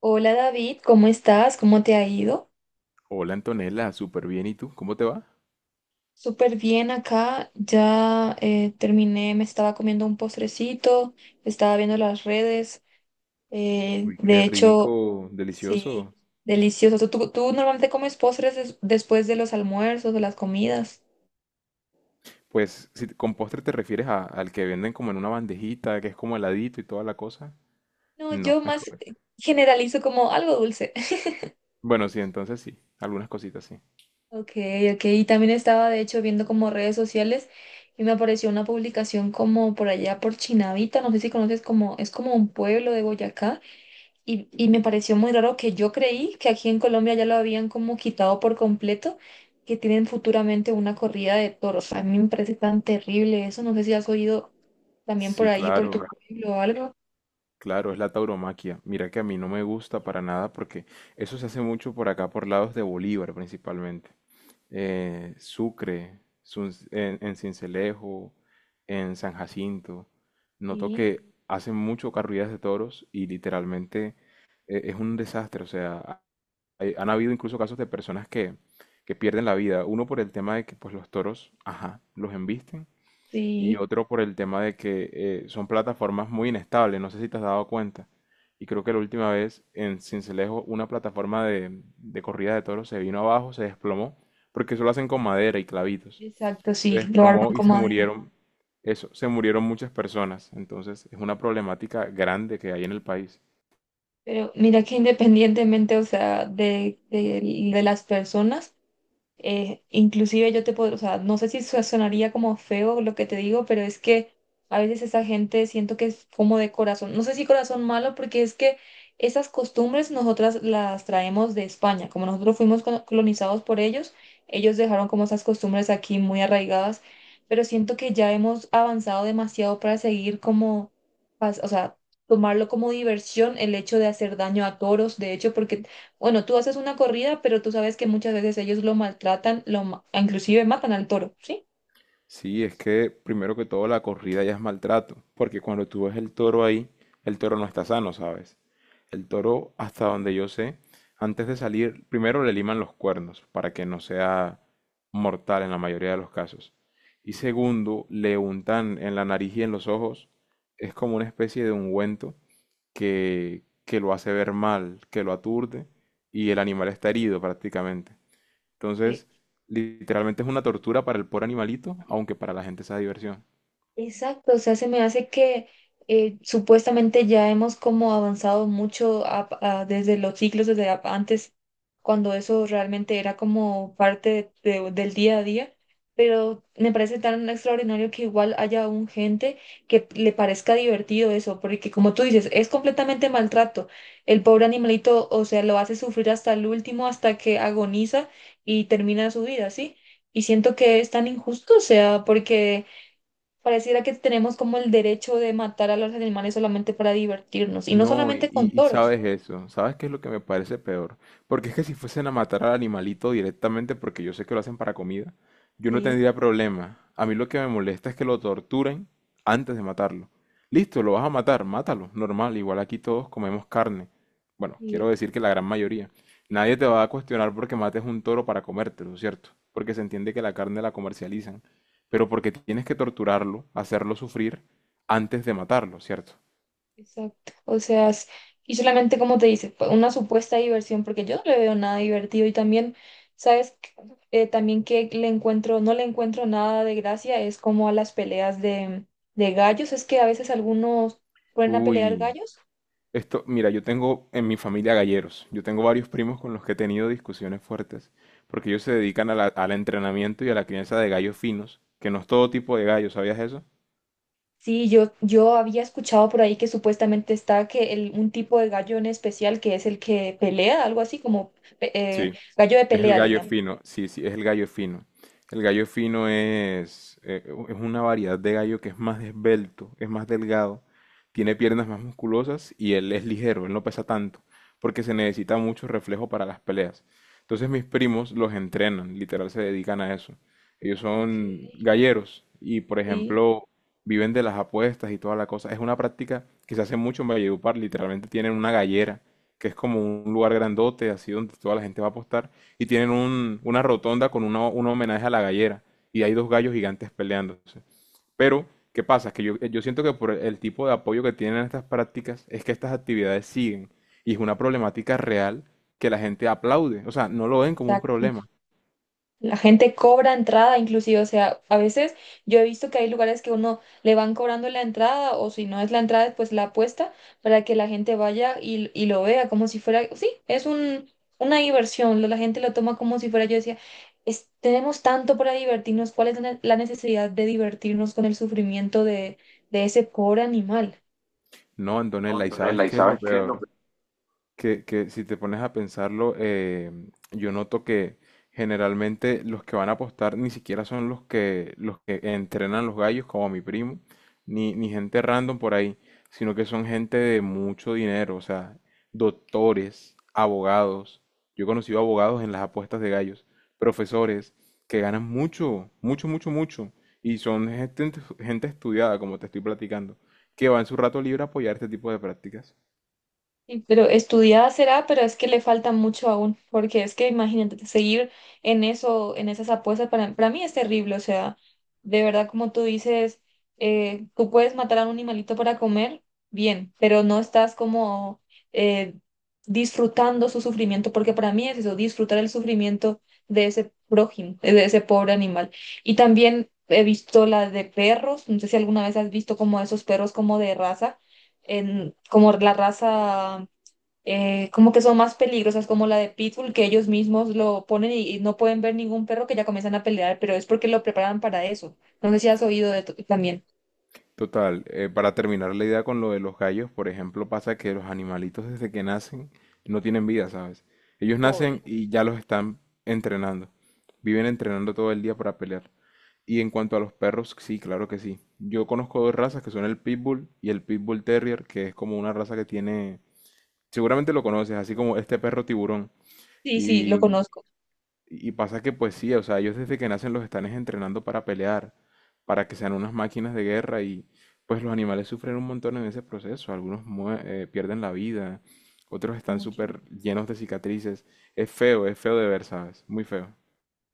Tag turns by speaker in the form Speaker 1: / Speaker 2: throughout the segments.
Speaker 1: Hola David, ¿cómo estás? ¿Cómo te ha ido?
Speaker 2: Hola Antonella, súper bien. ¿Y tú? ¿Cómo te va?
Speaker 1: Súper bien acá, ya terminé, me estaba comiendo un postrecito, estaba viendo las redes,
Speaker 2: Uy, qué
Speaker 1: de hecho,
Speaker 2: rico,
Speaker 1: sí,
Speaker 2: delicioso.
Speaker 1: delicioso. ¿Tú normalmente comes postres después de los almuerzos, o las comidas?
Speaker 2: Pues si te- con postre te refieres a- al que venden como en una bandejita, que es como heladito y toda la cosa.
Speaker 1: No, yo
Speaker 2: No, es...
Speaker 1: más
Speaker 2: co-
Speaker 1: generalizo como algo dulce.
Speaker 2: Bueno, sí, entonces sí, algunas cositas sí.
Speaker 1: Ok, ok, y también estaba de hecho viendo como redes sociales y me apareció una publicación como por allá por Chinavita, no sé si conoces como, es como un pueblo de Boyacá. Y me pareció muy raro que yo creí que aquí en Colombia ya lo habían como quitado por completo, que tienen futuramente una corrida de toros. A mí me parece tan terrible eso. No sé si has oído también por
Speaker 2: Sí,
Speaker 1: ahí, por tu
Speaker 2: claro,
Speaker 1: pueblo o algo.
Speaker 2: claro, es la tauromaquia. Mira que a mí no me gusta para nada porque eso se hace mucho por acá, por lados de Bolívar principalmente. Sucre, Sun- en Cincelejo, en San Jacinto. Noto
Speaker 1: Sí,
Speaker 2: que hacen mucho corridas de toros y literalmente es un desastre. O sea, ha- hay- han habido incluso casos de personas que pierden la vida. Uno por el tema de que pues los toros, ajá, los embisten y
Speaker 1: sí,
Speaker 2: otro por el tema de que son plataformas muy inestables, no sé si te has dado cuenta. Y creo que la última vez en Cincelejo una plataforma de corrida de toros se vino abajo, se desplomó, porque eso lo hacen con madera y clavitos.
Speaker 1: exacto,
Speaker 2: Se
Speaker 1: sí, lo arman
Speaker 2: desplomó y
Speaker 1: con
Speaker 2: se
Speaker 1: madera.
Speaker 2: murieron, eso, se murieron muchas personas. Entonces es una problemática grande que hay en el país.
Speaker 1: Pero mira que independientemente, o sea, de las personas. Inclusive yo te puedo, o sea, no sé si sonaría como feo lo que te digo, pero es que a veces esa gente siento que es como de corazón, no sé si corazón malo, porque es que esas costumbres nosotras las traemos de España, como nosotros fuimos colonizados por ellos, ellos dejaron como esas costumbres aquí muy arraigadas, pero siento que ya hemos avanzado demasiado para seguir como, o sea, tomarlo como diversión el hecho de hacer daño a toros, de hecho, porque bueno, tú haces una corrida, pero tú sabes que muchas veces ellos lo maltratan, inclusive matan al toro, ¿sí?
Speaker 2: Sí, es que primero que todo la corrida ya es maltrato, porque cuando tú ves el toro ahí, el toro no está sano, ¿sabes? El toro, hasta donde yo sé, antes de salir, primero le liman los cuernos para que no sea mortal en la mayoría de los casos. Y segundo, le untan en la nariz y en los ojos, es como una especie de ungüento que lo hace ver mal, que lo aturde y el animal está herido prácticamente.
Speaker 1: Que
Speaker 2: Entonces, literalmente es una tortura para el pobre animalito, aunque para la gente sea diversión.
Speaker 1: Exacto, o sea, se me hace que supuestamente ya hemos como avanzado mucho desde los siglos, desde antes, cuando eso realmente era como parte del día a día, pero me parece tan extraordinario que igual haya aún gente que le parezca divertido eso, porque como tú dices, es completamente maltrato. El pobre animalito, o sea, lo hace sufrir hasta el último, hasta que agoniza y termina su vida, ¿sí? Y siento que es tan injusto, o sea, porque... Pareciera que tenemos como el derecho de matar a los animales solamente para divertirnos, y no
Speaker 2: No, y,
Speaker 1: solamente con
Speaker 2: y- y
Speaker 1: toros.
Speaker 2: sabes eso, ¿sabes qué es lo que me parece peor? Porque es que si fuesen a matar al animalito directamente, porque yo sé que lo hacen para comida, yo no
Speaker 1: Sí,
Speaker 2: tendría problema. A mí lo que me molesta es que lo torturen antes de matarlo. Listo, lo vas a matar, mátalo, normal, igual aquí todos comemos carne. Bueno, quiero
Speaker 1: sí,
Speaker 2: decir que la gran mayoría. Nadie te va a cuestionar porque mates un toro para comértelo, ¿cierto? Porque se entiende que la carne la comercializan, pero porque tienes que torturarlo, hacerlo sufrir antes de matarlo, ¿cierto?
Speaker 1: exacto. O sea, y solamente como te dice, fue una supuesta diversión, porque yo no le veo nada divertido y también, ¿sabes qué? También que le encuentro, no le encuentro nada de gracia, es como a las peleas de gallos, es que a veces algunos ponen a pelear
Speaker 2: Uy.
Speaker 1: gallos.
Speaker 2: Esto, mira, yo tengo en mi familia galleros. Yo tengo varios primos con los que he tenido discusiones fuertes, porque ellos se dedican a la- al entrenamiento y a la crianza de gallos finos, que no es todo tipo de gallo, ¿sabías eso?
Speaker 1: Sí, yo había escuchado por ahí que supuestamente está que el, un tipo de gallo en especial que es el que pelea, algo así como pe- eh,
Speaker 2: Sí,
Speaker 1: gallo de
Speaker 2: es el
Speaker 1: pelea le
Speaker 2: gallo
Speaker 1: llaman.
Speaker 2: fino, sí, sí, es el gallo fino. El gallo fino es, u- es una variedad de gallo que es más esbelto, es más delgado, tiene piernas más musculosas y él es ligero, él no pesa tanto, porque se necesita mucho reflejo para las peleas. Entonces mis primos los entrenan, literal se dedican a eso. Ellos
Speaker 1: Ok.
Speaker 2: son galleros y, por
Speaker 1: Sí,
Speaker 2: ejemplo, viven de las apuestas y toda la cosa. Es una práctica que se hace mucho en Valledupar, literalmente tienen una gallera que es como un lugar grandote, así donde toda la gente va a apostar, y tienen un- una rotonda con una- un homenaje a la gallera, y hay dos gallos gigantes peleándose. Pero, ¿qué pasa? Que yo siento que por el tipo de apoyo que tienen estas prácticas es que estas actividades siguen, y es una problemática real que la gente aplaude, o sea, no lo ven como un
Speaker 1: exacto.
Speaker 2: problema.
Speaker 1: La gente cobra entrada, inclusive, o sea, a veces yo he visto que hay lugares que uno le van cobrando la entrada o si no es la entrada, pues la apuesta para que la gente vaya y lo vea como si fuera, sí, es un, una diversión, la gente lo toma como si fuera, yo decía, tenemos tanto para divertirnos, ¿cuál es la necesidad de divertirnos con el sufrimiento de ese pobre animal?
Speaker 2: No,
Speaker 1: No,
Speaker 2: Antonella, ¿y sabes
Speaker 1: Antonella, ¿y
Speaker 2: qué es lo
Speaker 1: sabes qué es lo
Speaker 2: peor? Que si te pones a pensarlo, yo noto que generalmente los que van a apostar ni siquiera son los los que entrenan los gallos, como mi primo, ni gente random por ahí, sino que son gente de mucho dinero, o sea, doctores, abogados. Yo he conocido abogados en las apuestas de gallos, profesores que ganan mucho, mucho, mucho, mucho, y son gente, gente estudiada, como te estoy platicando, que va en su rato libre a apoyar este tipo de prácticas.
Speaker 1: Pero estudiada será, pero es que le falta mucho aún, porque es que imagínate, seguir en eso, en esas apuestas, para mí es terrible, o sea, de verdad, como tú dices, tú puedes matar a un animalito para comer, bien, pero no estás como eh, disfrutando su sufrimiento, porque para mí es eso, disfrutar el sufrimiento de ese prójimo, de ese pobre animal. Y también he visto la de perros, no sé si alguna vez has visto como esos perros como de raza, en, como la raza como que son más peligrosas, como la de Pitbull, que ellos mismos lo ponen y no pueden ver ningún perro que ya comienzan a pelear, pero es porque lo preparan para eso. No sé si has oído de también.
Speaker 2: Total, para terminar la idea con lo de los gallos, por ejemplo, pasa que los animalitos desde que nacen no tienen vida, ¿sabes? Ellos
Speaker 1: Pobre.
Speaker 2: nacen y ya los están entrenando. Viven entrenando todo el día para pelear. Y en cuanto a los perros, sí, claro que sí. Yo conozco dos razas que son el Pitbull y el Pitbull Terrier, que es como una raza que tiene... Seguramente lo conoces, así como este perro tiburón.
Speaker 1: Sí, sí, lo
Speaker 2: Y
Speaker 1: conozco
Speaker 2: y pasa que pues sí, o sea, ellos desde que nacen los están es entrenando para pelear, para que sean unas máquinas de guerra y pues los animales sufren un montón en ese proceso. Algunos mue- pierden la vida, otros están
Speaker 1: mucho.
Speaker 2: súper llenos de cicatrices. Es feo de ver, ¿sabes? Muy feo.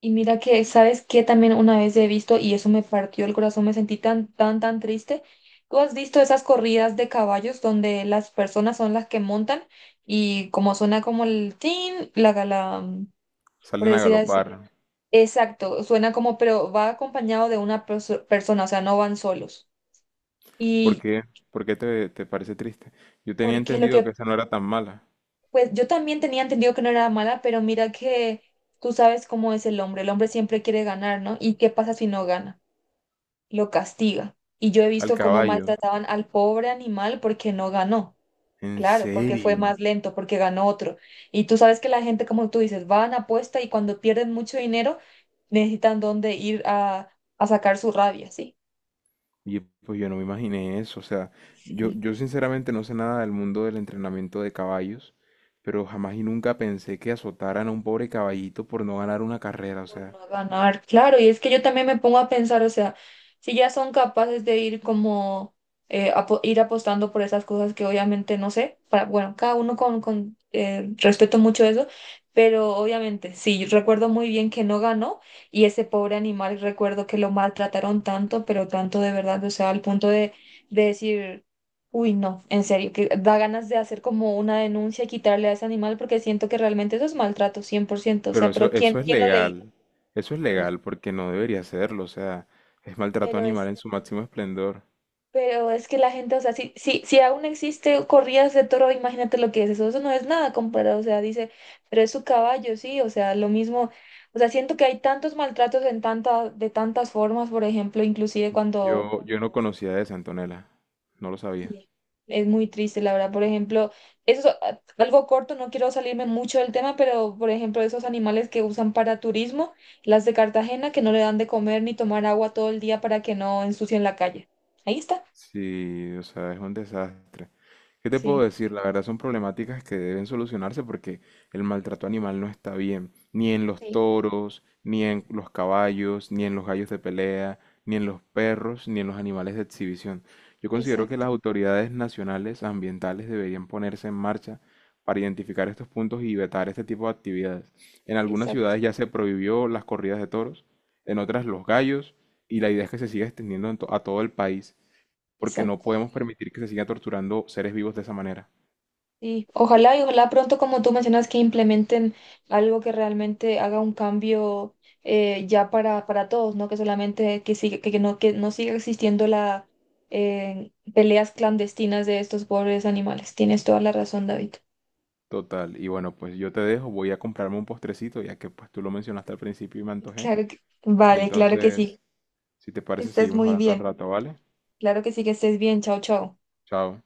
Speaker 1: Y mira que, ¿sabes qué? También una vez he visto, y eso me partió el corazón, me sentí tan, tan, tan triste. ¿Tú has visto esas corridas de caballos donde las personas son las que montan y como suena como el tin, la, por
Speaker 2: Salen a
Speaker 1: decir así?
Speaker 2: galopar.
Speaker 1: Exacto, suena como, pero va acompañado de una persona, o sea, no van solos.
Speaker 2: ¿Por
Speaker 1: Y
Speaker 2: qué? ¿Por qué te parece triste? Yo tenía
Speaker 1: porque lo
Speaker 2: entendido
Speaker 1: que,
Speaker 2: que esa no era tan mala.
Speaker 1: pues yo también tenía entendido que no era mala, pero mira que tú sabes cómo es el hombre siempre quiere ganar, ¿no? ¿Y qué pasa si no gana? Lo castiga. Y yo he
Speaker 2: Al
Speaker 1: visto cómo
Speaker 2: caballo.
Speaker 1: maltrataban al pobre animal porque no ganó,
Speaker 2: ¿En
Speaker 1: claro, porque fue
Speaker 2: serio?
Speaker 1: más lento, porque ganó otro. Y tú sabes que la gente, como tú dices, van, apuesta y cuando pierden mucho dinero, necesitan dónde ir a sacar su rabia, ¿sí?
Speaker 2: Y pues yo no me imaginé eso, o sea,
Speaker 1: Sí,
Speaker 2: yo sinceramente no sé nada del mundo del entrenamiento de caballos, pero jamás y nunca pensé que azotaran a un pobre caballito por no ganar una carrera, o
Speaker 1: por
Speaker 2: sea,
Speaker 1: no ganar, claro, y es que yo también me pongo a pensar, o sea, si ya son capaces de ir como, ir apostando por esas cosas que obviamente no sé, para, bueno, cada uno con respeto mucho eso, pero obviamente, sí, yo recuerdo muy bien que no ganó y ese pobre animal, recuerdo que lo maltrataron tanto, pero tanto de verdad, o sea, al punto de decir, uy, no, en serio, que da ganas de hacer como una denuncia y quitarle a ese animal porque siento que realmente eso es maltrato, 100%, o
Speaker 2: pero
Speaker 1: sea,
Speaker 2: eso,
Speaker 1: pero ¿quién, quién lo le
Speaker 2: eso es
Speaker 1: eh,
Speaker 2: legal porque no debería serlo, o sea, es maltrato
Speaker 1: pero
Speaker 2: animal
Speaker 1: es,
Speaker 2: en su máximo esplendor.
Speaker 1: pero es que la gente, o sea, si aún existe corridas de toro, imagínate lo que es eso, eso no es nada comparado, o sea, dice, pero es su caballo, sí, o sea, lo mismo, o sea, siento que hay tantos maltratos en tanta, de tantas formas, por ejemplo, inclusive cuando
Speaker 2: Yo no conocía de Antonella, no lo sabía.
Speaker 1: sí, es muy triste, la verdad, por ejemplo, eso es algo corto, no quiero salirme mucho del tema, pero por ejemplo, esos animales que usan para turismo, las de Cartagena, que no le dan de comer ni tomar agua todo el día para que no ensucien la calle. Ahí está.
Speaker 2: Sí, o sea, es un desastre. ¿Qué te puedo
Speaker 1: Sí.
Speaker 2: decir? La verdad son problemáticas que deben solucionarse porque el maltrato animal no está bien, ni en los
Speaker 1: Sí.
Speaker 2: toros, ni en los caballos, ni en los gallos de pelea, ni en los perros, ni en los animales de exhibición. Yo considero que
Speaker 1: Exacto,
Speaker 2: las autoridades nacionales ambientales deberían ponerse en marcha para identificar estos puntos y vetar este tipo de actividades. En algunas
Speaker 1: exacto,
Speaker 2: ciudades ya se prohibió las corridas de toros, en otras los gallos, y la idea es que se siga extendiendo en to- a todo el país porque no
Speaker 1: exacto.
Speaker 2: podemos permitir que se siga torturando seres vivos de esa manera.
Speaker 1: Y ojalá pronto, como tú mencionas, que implementen algo que realmente haga un cambio ya para todos, ¿no? Que solamente que siga, que no siga existiendo la peleas clandestinas de estos pobres animales. Tienes toda la razón, David.
Speaker 2: Total, y bueno, pues yo te dejo, voy a comprarme un postrecito, ya que pues tú lo mencionaste al principio y me antojé.
Speaker 1: Claro que, vale, claro que sí.
Speaker 2: Entonces, si te
Speaker 1: Que
Speaker 2: parece,
Speaker 1: estés
Speaker 2: seguimos
Speaker 1: muy
Speaker 2: hablando al
Speaker 1: bien.
Speaker 2: rato, ¿vale?
Speaker 1: Claro que sí, que estés bien. Chao, chao.
Speaker 2: Chao.